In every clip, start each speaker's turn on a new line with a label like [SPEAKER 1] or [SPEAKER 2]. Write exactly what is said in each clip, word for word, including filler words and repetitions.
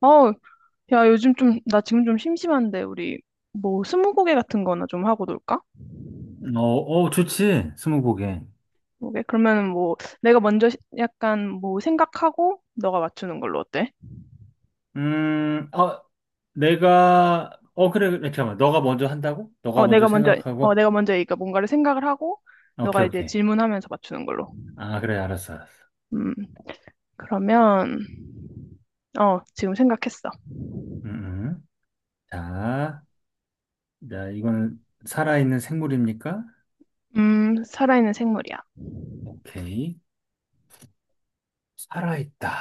[SPEAKER 1] 어, 야, 요즘 좀, 나 지금 좀 심심한데, 우리, 뭐, 스무고개 같은 거나 좀 하고 놀까?
[SPEAKER 2] 어, 어, 좋지. 스무고개.
[SPEAKER 1] 오케이? 그러면은 뭐, 내가 먼저 시- 약간 뭐, 생각하고, 너가 맞추는 걸로 어때?
[SPEAKER 2] 음, 어, 내가, 어, 그래, 그래, 잠깐만. 너가 먼저 한다고?
[SPEAKER 1] 어,
[SPEAKER 2] 너가 먼저
[SPEAKER 1] 내가 먼저, 어,
[SPEAKER 2] 생각하고?
[SPEAKER 1] 내가 먼저 그러니까 뭔가를 생각을 하고, 너가
[SPEAKER 2] 오케이,
[SPEAKER 1] 이제
[SPEAKER 2] 오케이.
[SPEAKER 1] 질문하면서 맞추는 걸로.
[SPEAKER 2] 아, 그래, 알았어, 알았어.
[SPEAKER 1] 음, 그러면, 어, 지금 생각했어.
[SPEAKER 2] 음, 음. 자, 자, 이건 살아있는 생물입니까?
[SPEAKER 1] 음, 살아있는 생물이야.
[SPEAKER 2] 오케이. 살아있다.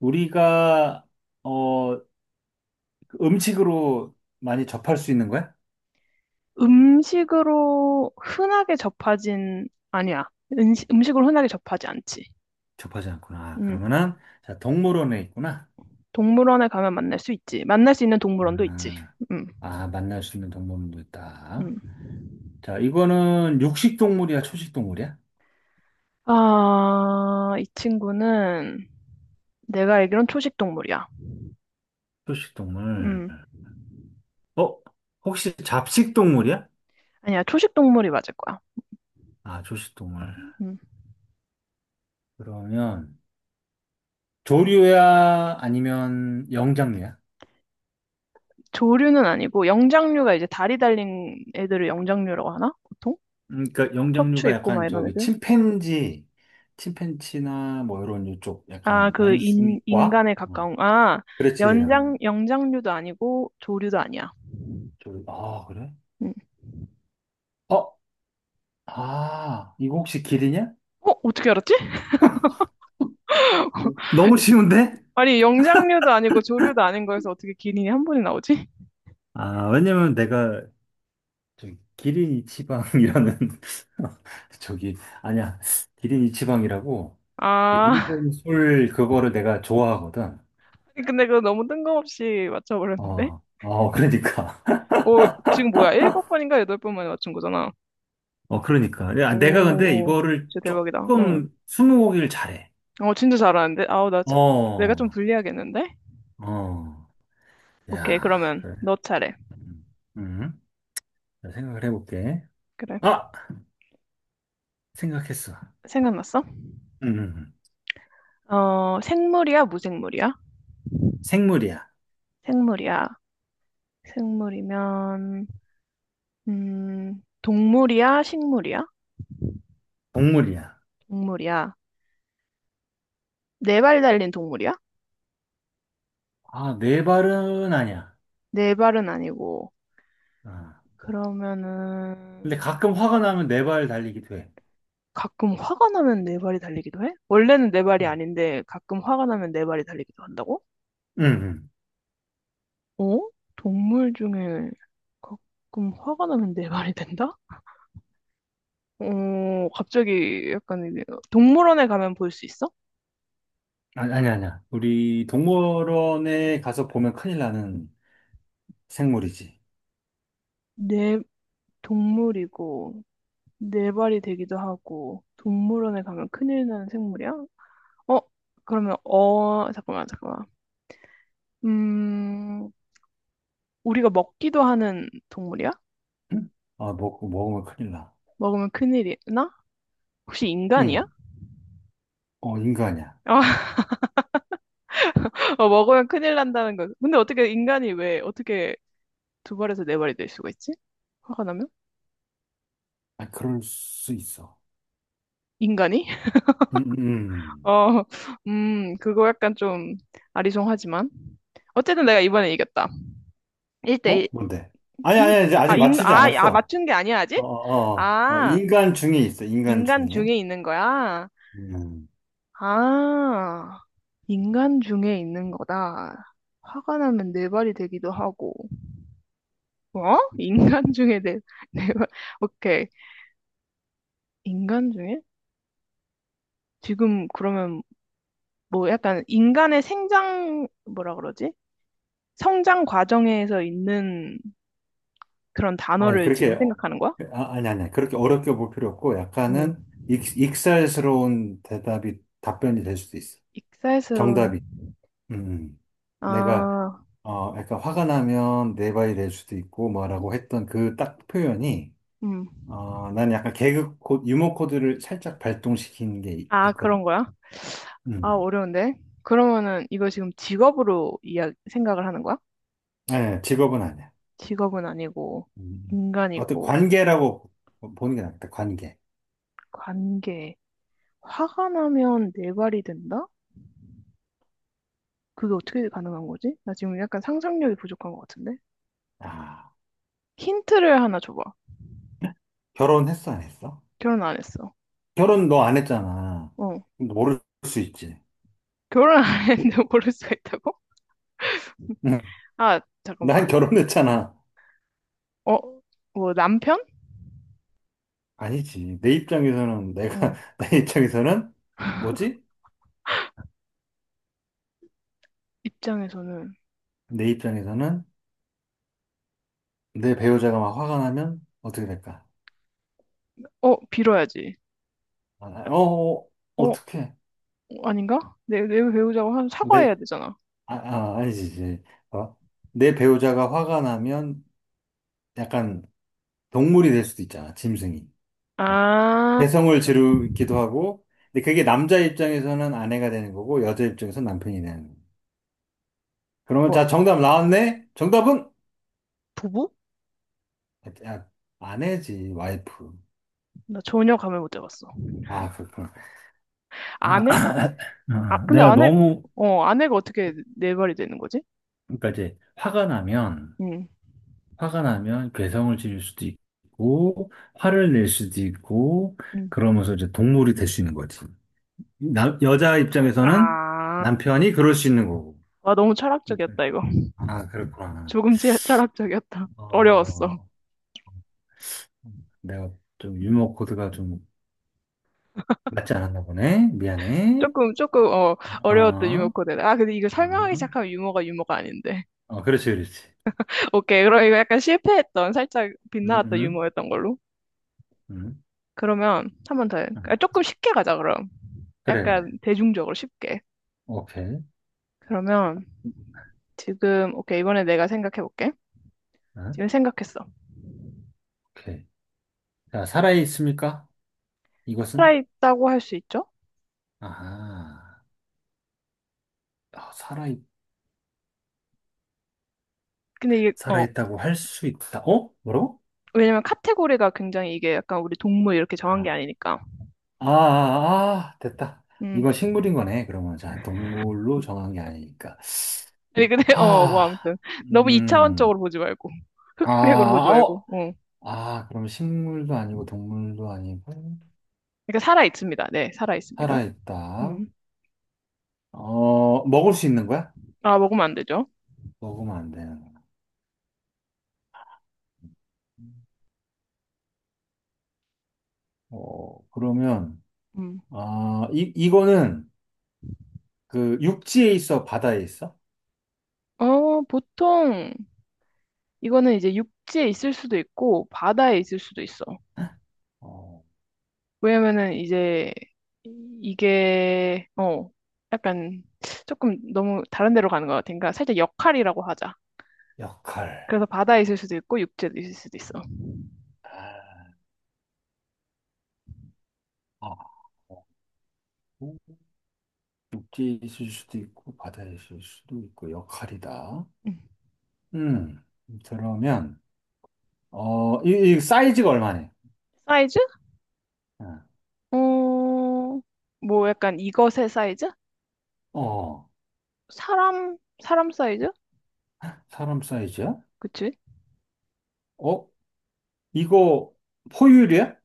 [SPEAKER 2] 우리가, 어, 그 음식으로 많이 접할 수 있는 거야?
[SPEAKER 1] 음식으로 흔하게 접하진, 아니야. 음식, 음식으로 흔하게 접하지 않지.
[SPEAKER 2] 접하지 않구나. 아,
[SPEAKER 1] 음.
[SPEAKER 2] 그러면은, 자, 동물원에 있구나.
[SPEAKER 1] 동물원에 가면 만날 수 있지. 만날 수 있는 동물원도
[SPEAKER 2] 음,
[SPEAKER 1] 있지. 음,
[SPEAKER 2] 아, 아, 만날 수 있는 동물원도 있다.
[SPEAKER 1] 음.
[SPEAKER 2] 자, 이거는 육식 동물이야, 초식 동물이야?
[SPEAKER 1] 아, 이 친구는 내가 알기론 초식 동물이야.
[SPEAKER 2] 초식 동물.
[SPEAKER 1] 음,
[SPEAKER 2] 어? 혹시 잡식 동물이야?
[SPEAKER 1] 아니야, 초식 동물이 맞을 거야.
[SPEAKER 2] 아, 초식 동물.
[SPEAKER 1] 음.
[SPEAKER 2] 그러면 조류야 아니면 영장류야?
[SPEAKER 1] 조류는 아니고 영장류가 이제 다리 달린 애들을 영장류라고 하나? 보통?
[SPEAKER 2] 음, 그러니까
[SPEAKER 1] 척추
[SPEAKER 2] 영장류가
[SPEAKER 1] 있고 막
[SPEAKER 2] 약간
[SPEAKER 1] 이런
[SPEAKER 2] 저기
[SPEAKER 1] 애들?
[SPEAKER 2] 침팬지, 침팬지나 뭐 이런 이쪽
[SPEAKER 1] 아,
[SPEAKER 2] 약간
[SPEAKER 1] 그 인,
[SPEAKER 2] 원숭이과?
[SPEAKER 1] 인간에
[SPEAKER 2] 어,
[SPEAKER 1] 가까운, 아,
[SPEAKER 2] 그렇지. 어,
[SPEAKER 1] 연장, 영장류도 아니고 조류도 아니야.
[SPEAKER 2] 저 아, 그래?
[SPEAKER 1] 음.
[SPEAKER 2] 어? 아, 이거 혹시 길이냐?
[SPEAKER 1] 어? 어떻게 알았지?
[SPEAKER 2] 너무 쉬운데?
[SPEAKER 1] 아니, 영장류도 아니고 조류도 아닌 거에서 어떻게 기린이 한 번이 나오지?
[SPEAKER 2] 아, 왜냐면 내가 저기 기린이 치방이라는 저기 아니야 기린이 치방이라고 그
[SPEAKER 1] 아,
[SPEAKER 2] 일본 술 그거를 내가 좋아하거든.
[SPEAKER 1] 근데 그거 너무 뜬금없이 맞춰버렸는데?
[SPEAKER 2] 어, 어 그러니까
[SPEAKER 1] 오, 지금 뭐야? 일곱 번인가 여덟 번 만에 맞춘 거잖아.
[SPEAKER 2] 어 그러니까 야, 내가 근데
[SPEAKER 1] 오,
[SPEAKER 2] 이거를
[SPEAKER 1] 진짜 대박이다. 응.
[SPEAKER 2] 조금 스무고기를 잘해.
[SPEAKER 1] 어, 진짜 잘하는데? 아우, 나, 진- 내가
[SPEAKER 2] 어,
[SPEAKER 1] 좀 불리하겠는데?
[SPEAKER 2] 어,
[SPEAKER 1] 오케이,
[SPEAKER 2] 야
[SPEAKER 1] 그러면
[SPEAKER 2] 그래.
[SPEAKER 1] 너 차례.
[SPEAKER 2] 음, 음. 자, 생각을 해볼게.
[SPEAKER 1] 그래.
[SPEAKER 2] 아 생각했어.
[SPEAKER 1] 생각났어?
[SPEAKER 2] 음, 음, 음.
[SPEAKER 1] 어, 생물이야, 무생물이야?
[SPEAKER 2] 생물이야.
[SPEAKER 1] 생물이야. 생물이면, 음, 동물이야, 식물이야?
[SPEAKER 2] 동물이야.
[SPEAKER 1] 동물이야. 네 발 달린 동물이야?
[SPEAKER 2] 아 네 발은 아니야.
[SPEAKER 1] 네 발은 아니고.
[SPEAKER 2] 어. 근데
[SPEAKER 1] 그러면은,
[SPEAKER 2] 가끔 화가 나면 네 발 달리기도 해.
[SPEAKER 1] 가끔 화가 나면 네 발이 달리기도 해? 원래는 네 발이
[SPEAKER 2] 음.
[SPEAKER 1] 아닌데 가끔 화가 나면 네 발이 달리기도 한다고?
[SPEAKER 2] 응, 응.
[SPEAKER 1] 어? 동물 중에 가끔 화가 나면 네 발이 된다? 어, 갑자기 약간 이게 동물원에 가면 볼 수 있어?
[SPEAKER 2] 아니, 아니, 아니야. 우리 동물원에 가서 보면 큰일 나는 생물이지.
[SPEAKER 1] 네 동물이고 네 발이 되기도 하고 동물원에 가면 큰일 나는 생물이야? 어? 그러면 어 잠깐만 잠깐만 음 우리가 먹기도 하는 동물이야?
[SPEAKER 2] 응? 아, 먹 먹으면 큰일 나.
[SPEAKER 1] 먹으면 큰일이 나? 혹시 인간이야?
[SPEAKER 2] 응. 어, 인간이야.
[SPEAKER 1] 아, 어, 먹으면 큰일 난다는 거. 근데 어떻게 인간이 왜 어떻게 두 발에서 네 발이 될 수가 있지? 화가 나면?
[SPEAKER 2] 아, 그럴 수 있어.
[SPEAKER 1] 인간이?
[SPEAKER 2] 응, 응,
[SPEAKER 1] 어, 음, 그거 약간 좀 아리송하지만. 어쨌든 내가 이번에 이겼다.
[SPEAKER 2] 응.
[SPEAKER 1] 일 대 일.
[SPEAKER 2] 어? 뭔데? 아니,
[SPEAKER 1] 인,
[SPEAKER 2] 아니, 이제 아직
[SPEAKER 1] 아, 인,
[SPEAKER 2] 맞추지
[SPEAKER 1] 아, 아,
[SPEAKER 2] 않았어.
[SPEAKER 1] 맞춘 게 아니야, 아직?
[SPEAKER 2] 어, 어, 어,
[SPEAKER 1] 아,
[SPEAKER 2] 인간 중에 있어, 인간
[SPEAKER 1] 인간
[SPEAKER 2] 중에.
[SPEAKER 1] 중에 있는 거야?
[SPEAKER 2] 음.
[SPEAKER 1] 아, 인간 중에 있는 거다. 화가 나면 네 발이 되기도 하고. 어? 인간 중에 네, 네 발. 오케이. 인간 중에? 지금 그러면 뭐 약간 인간의 생장, 뭐라 그러지? 성장 과정에서 있는 그런
[SPEAKER 2] 아니,
[SPEAKER 1] 단어를 지금
[SPEAKER 2] 그렇게, 어,
[SPEAKER 1] 생각하는 거야?
[SPEAKER 2] 아, 아니, 아니, 그렇게 어렵게 볼 필요 없고,
[SPEAKER 1] 응.
[SPEAKER 2] 약간은 익, 익살스러운 대답이, 답변이 될 수도 있어.
[SPEAKER 1] 익살스러운,
[SPEAKER 2] 정답이. 음. 음. 내가
[SPEAKER 1] 아,
[SPEAKER 2] 어 약간 화가 나면 내 바이 될 수도 있고 뭐라고 했던 그 딱 표현이
[SPEAKER 1] 음.
[SPEAKER 2] 어 난 약간 개그 코 유머 코드를 살짝 발동시키는 게 있-
[SPEAKER 1] 아, 그런
[SPEAKER 2] 있거든.
[SPEAKER 1] 거야? 아,
[SPEAKER 2] 음.
[SPEAKER 1] 어려운데? 그러면은 이거 지금 직업으로 이야, 생각을 하는 거야?
[SPEAKER 2] 네, 직업은 아니야.
[SPEAKER 1] 직업은 아니고,
[SPEAKER 2] 음. 어떤
[SPEAKER 1] 인간이고,
[SPEAKER 2] 관계라고 보- 보는 게 낫겠다. 관계.
[SPEAKER 1] 관계. 화가 나면 네 발이 된다? 그게 어떻게 가능한 거지? 나 지금 약간 상상력이 부족한 것 같은데?
[SPEAKER 2] 아,
[SPEAKER 1] 힌트를 하나 줘봐.
[SPEAKER 2] 결혼했어 안 했어?
[SPEAKER 1] 결혼 안 했어.
[SPEAKER 2] 결혼 너 안 했잖아.
[SPEAKER 1] 어.
[SPEAKER 2] 모를 수 있지.
[SPEAKER 1] 결혼 안 했는데 모를 수가 있다고?
[SPEAKER 2] 응.
[SPEAKER 1] 아,
[SPEAKER 2] 난
[SPEAKER 1] 잠깐만.
[SPEAKER 2] 결혼했잖아.
[SPEAKER 1] 어, 뭐 남편?
[SPEAKER 2] 아니지. 내 입장에서는
[SPEAKER 1] 어,
[SPEAKER 2] 내가 내 입장에서는 뭐지?
[SPEAKER 1] 입장에서는
[SPEAKER 2] 내 입장에서는 내 배우자가 막 화가 나면 어떻게 될까?
[SPEAKER 1] 어, 빌어야지.
[SPEAKER 2] 아, 어, 어,
[SPEAKER 1] 어,
[SPEAKER 2] 어떻게?
[SPEAKER 1] 아닌가? 내, 내 배우자고 한 사과해야
[SPEAKER 2] 내,
[SPEAKER 1] 되잖아.
[SPEAKER 2] 아, 아, 아니지, 이제. 어? 내 배우자가 화가 나면 약간 동물이 될 수도 있잖아, 짐승이. 막,
[SPEAKER 1] 아,
[SPEAKER 2] 개성을 지르기도 하고, 근데 그게 남자 입장에서는 아내가 되는 거고, 여자 입장에서는 남편이 되는 거. 그러면
[SPEAKER 1] 뭐
[SPEAKER 2] 자, 정답 나왔네? 정답은?
[SPEAKER 1] 부부?
[SPEAKER 2] 야, 아내지, 와이프.
[SPEAKER 1] 나 전혀 감을 못 잡았어.
[SPEAKER 2] 아, 그렇구나. 아,
[SPEAKER 1] 아내? 아,
[SPEAKER 2] 어,
[SPEAKER 1] 근데
[SPEAKER 2] 내가
[SPEAKER 1] 아내,
[SPEAKER 2] 너무,
[SPEAKER 1] 어, 아내가 어떻게 내 말이 되는 거지?
[SPEAKER 2] 그러니까 이제 화가 나면,
[SPEAKER 1] 응,
[SPEAKER 2] 화가 나면 괴성을 지를 수도 있고, 화를 낼 수도 있고,
[SPEAKER 1] 응.
[SPEAKER 2] 그러면서 이제 동물이 될 수 있는 거지. 남, 여자 입장에서는
[SPEAKER 1] 아,
[SPEAKER 2] 남편이 그럴 수 있는 거고.
[SPEAKER 1] 와, 너무
[SPEAKER 2] 그러니까,
[SPEAKER 1] 철학적이었다, 이거.
[SPEAKER 2] 아, 그렇구나.
[SPEAKER 1] 조금 치- 철학적이었다.
[SPEAKER 2] 어,
[SPEAKER 1] 어려웠어.
[SPEAKER 2] 어, 어. 내가 좀 유머 코드가 좀 맞지 않았나 보네. 미안해.
[SPEAKER 1] 조금, 조금, 어,
[SPEAKER 2] 어,
[SPEAKER 1] 어려웠던 유머
[SPEAKER 2] 어,
[SPEAKER 1] 코드. 아, 근데 이거 설명하기 시작하면 유머가 유머가 아닌데.
[SPEAKER 2] 어, 그렇지, 그렇지.
[SPEAKER 1] 오케이. 그럼 이거 약간 실패했던, 살짝
[SPEAKER 2] 음,
[SPEAKER 1] 빗나갔던
[SPEAKER 2] 음,
[SPEAKER 1] 유머였던 걸로.
[SPEAKER 2] 음.
[SPEAKER 1] 그러면 한 번 더. 해.
[SPEAKER 2] 음.
[SPEAKER 1] 아, 조금 쉽게 가자, 그럼.
[SPEAKER 2] 그래, 그래.
[SPEAKER 1] 약간 대중적으로 쉽게.
[SPEAKER 2] 오케이.
[SPEAKER 1] 그러면 지금, 오케이. 이번에 내가 생각해볼게.
[SPEAKER 2] 어,
[SPEAKER 1] 지금 생각했어.
[SPEAKER 2] 오케이. 자, 살아있습니까? 이것은?
[SPEAKER 1] 살아있다고 할 수 있죠?
[SPEAKER 2] 아 아, 살아있,
[SPEAKER 1] 근데 이게, 어,
[SPEAKER 2] 살아있다고 할 수 있다. 어? 뭐라고?
[SPEAKER 1] 왜냐면 카테고리가 굉장히 이게 약간 우리 동물 이렇게 정한 게
[SPEAKER 2] 아,
[SPEAKER 1] 아니니까.
[SPEAKER 2] 아, 아, 아, 됐다.
[SPEAKER 1] 음.
[SPEAKER 2] 이건 식물인 거네. 그러면 자, 동물로 정한 게 아니니까.
[SPEAKER 1] 아니, 근데, 어, 뭐
[SPEAKER 2] 아,
[SPEAKER 1] 아무튼. 너무
[SPEAKER 2] 음,
[SPEAKER 1] 이차원적으로 보지 말고.
[SPEAKER 2] 아,
[SPEAKER 1] 흑백으로 보지
[SPEAKER 2] 아,
[SPEAKER 1] 말고.
[SPEAKER 2] 어,
[SPEAKER 1] 어.
[SPEAKER 2] 아, 그럼 식물도 아니고 동물도 아니고
[SPEAKER 1] 그러니까 살아있습니다. 네, 살아있습니다.
[SPEAKER 2] 살아있다.
[SPEAKER 1] 음.
[SPEAKER 2] 어, 먹을 수 있는 거야?
[SPEAKER 1] 아, 먹으면 안 되죠?
[SPEAKER 2] 먹으면 안 되는 거야. 어, 그러면
[SPEAKER 1] 음.
[SPEAKER 2] 아, 이 이거는 그 육지에 있어, 바다에 있어?
[SPEAKER 1] 어, 보통 이거는 이제 육지에 있을 수도 있고 바다에 있을 수도 있어.
[SPEAKER 2] 어,
[SPEAKER 1] 왜냐면은 이제 이게 어 약간 조금 너무 다른 데로 가는 것 같으니까 살짝 역할이라고 하자.
[SPEAKER 2] 역할.
[SPEAKER 1] 그래서 바다에 있을 수도 있고 육지에 있을 수도 있어.
[SPEAKER 2] 아, 육지에 있을 수도 있고 바다에 있을 수도 있고 역할이다.
[SPEAKER 1] 음.
[SPEAKER 2] 음, 그러면 어, 이, 이 사이즈가 얼마네?
[SPEAKER 1] 사이즈? 어, 뭐 약간 이것의 사이즈?
[SPEAKER 2] 어, 어,
[SPEAKER 1] 사람 사람 사이즈?
[SPEAKER 2] 사람 사이즈야?
[SPEAKER 1] 그치?
[SPEAKER 2] 어, 이거 포유류야?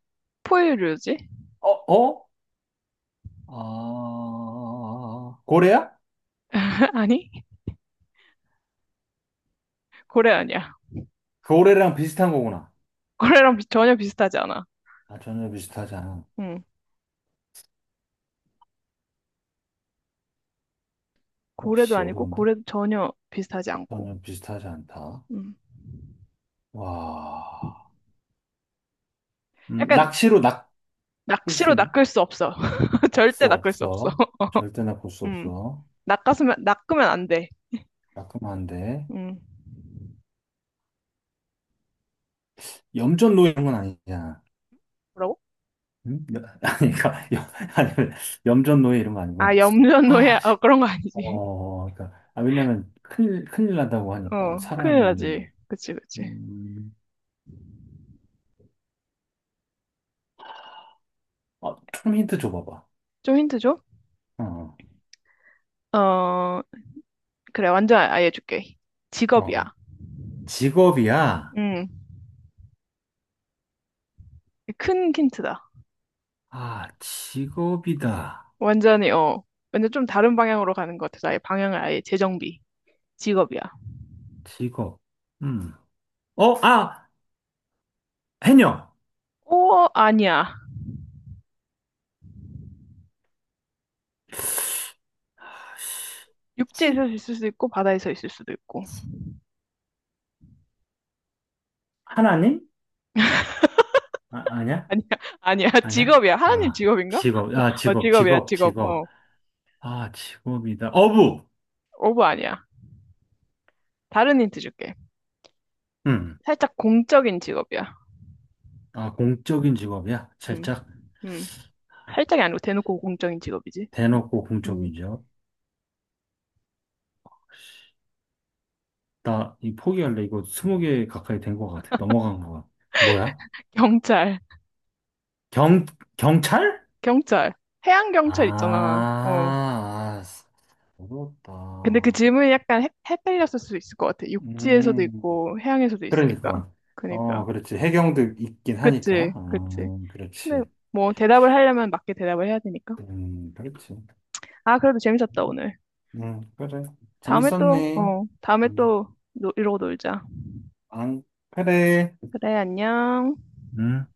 [SPEAKER 1] 포유류지?
[SPEAKER 2] 어, 어? 아, 고래야?
[SPEAKER 1] 아니 고래 아니야.
[SPEAKER 2] 그 고래랑 비슷한 거구나.
[SPEAKER 1] 고래랑 비- 전혀 비슷하지 않아.
[SPEAKER 2] 아, 전혀 비슷하지 않아.
[SPEAKER 1] 응. 고래도
[SPEAKER 2] 혹시
[SPEAKER 1] 아니고
[SPEAKER 2] 어려운데?
[SPEAKER 1] 고래도 전혀 비슷하지 않고.
[SPEAKER 2] 전혀 비슷하지 않다.
[SPEAKER 1] 음.
[SPEAKER 2] 와, 음,
[SPEAKER 1] 약간
[SPEAKER 2] 낚시로 낚을 수
[SPEAKER 1] 낚시로
[SPEAKER 2] 있?
[SPEAKER 1] 낚을 수 없어. 절대
[SPEAKER 2] 없어,
[SPEAKER 1] 낚을 수 없어.
[SPEAKER 2] 없어. 절대나 볼 수
[SPEAKER 1] 음.
[SPEAKER 2] 없어.
[SPEAKER 1] 낚았으면, 낚으면 안 돼.
[SPEAKER 2] 따끔한데.
[SPEAKER 1] 음.
[SPEAKER 2] 염전 노예 이런 건 아니잖아.
[SPEAKER 1] 뭐라고?
[SPEAKER 2] 응? 여- 아니, 그러니까, 염, 아니, 염전 노예 이런 거
[SPEAKER 1] 아,
[SPEAKER 2] 아니구나.
[SPEAKER 1] 염전노예?
[SPEAKER 2] 아, 씨.
[SPEAKER 1] 어, 그런 거 아니지.
[SPEAKER 2] 어, 그러니까, 아, 왜냐면 큰일, 큰일 난다고 하니까,
[SPEAKER 1] 어, 큰일
[SPEAKER 2] 살아는
[SPEAKER 1] 나지.
[SPEAKER 2] 있는데.
[SPEAKER 1] 그치, 그치.
[SPEAKER 2] 음, 어, 좀 힌트 줘봐봐.
[SPEAKER 1] 좀 힌트 줘?
[SPEAKER 2] 어, 어,
[SPEAKER 1] 어, 그래, 완전 아예 줄게. 직업이야.
[SPEAKER 2] 어. 직업이야.
[SPEAKER 1] 음, 큰 힌트다.
[SPEAKER 2] 아, 직업이다.
[SPEAKER 1] 완전히, 어, 완전 좀 다른 방향으로 가는 것 같아서 아예 방향을 아예 재정비. 직업이야.
[SPEAKER 2] 직업. 음. 어, 아, 해녀.
[SPEAKER 1] 오, 아니야.
[SPEAKER 2] 아, 씨.
[SPEAKER 1] 육지에서
[SPEAKER 2] 신,
[SPEAKER 1] 있을 수도 있고, 바다에서 있을 수도 있고.
[SPEAKER 2] 신, 하나님? 아, 아니야?
[SPEAKER 1] 아니야, 아니야.
[SPEAKER 2] 아니야?
[SPEAKER 1] 직업이야. 하나님
[SPEAKER 2] 아,
[SPEAKER 1] 직업인가?
[SPEAKER 2] 직업, 아,
[SPEAKER 1] 어,
[SPEAKER 2] 직업,
[SPEAKER 1] 직업이야,
[SPEAKER 2] 직업,
[SPEAKER 1] 직업.
[SPEAKER 2] 직업.
[SPEAKER 1] 어,
[SPEAKER 2] 아, 직업이다. 어부!
[SPEAKER 1] 오브 아니야. 다른 힌트 줄게.
[SPEAKER 2] 음.
[SPEAKER 1] 살짝 공적인 직업이야.
[SPEAKER 2] 아, 공적인 직업이야?
[SPEAKER 1] 음,
[SPEAKER 2] 살짝
[SPEAKER 1] 음. 살짝이 아니고 대놓고 공적인 직업이지. 음,
[SPEAKER 2] 대놓고
[SPEAKER 1] 음.
[SPEAKER 2] 공적인 직업? 나 이 포기할래. 이거 스무 개 가까이 된 것 같아. 넘어간 것 같아. 뭐야?
[SPEAKER 1] 경찰,
[SPEAKER 2] 경, 경찰?
[SPEAKER 1] 경찰. 해양
[SPEAKER 2] 아,
[SPEAKER 1] 경찰 있잖아. 어.
[SPEAKER 2] 아,
[SPEAKER 1] 근데 그
[SPEAKER 2] 어렵다.
[SPEAKER 1] 질문이 약간 헷, 헷갈렸을 수도 있을 것 같아. 육지에서도
[SPEAKER 2] 음,
[SPEAKER 1] 있고 해양에서도 있으니까.
[SPEAKER 2] 그러니까. 어,
[SPEAKER 1] 그니까.
[SPEAKER 2] 그렇지. 해경도 있긴 하니까.
[SPEAKER 1] 그치, 그치.
[SPEAKER 2] 아,
[SPEAKER 1] 근데
[SPEAKER 2] 그렇지.
[SPEAKER 1] 뭐 대답을 하려면 맞게 대답을 해야 되니까.
[SPEAKER 2] 음, 그렇지.
[SPEAKER 1] 아, 그래도 재밌었다, 오늘.
[SPEAKER 2] 음, 그래.
[SPEAKER 1] 다음에 또,
[SPEAKER 2] 재밌었네.
[SPEAKER 1] 어, 다음에
[SPEAKER 2] 음,
[SPEAKER 1] 또 노- 이러고 놀자.
[SPEAKER 2] 안, 그래.
[SPEAKER 1] 그래, 안녕.
[SPEAKER 2] 음.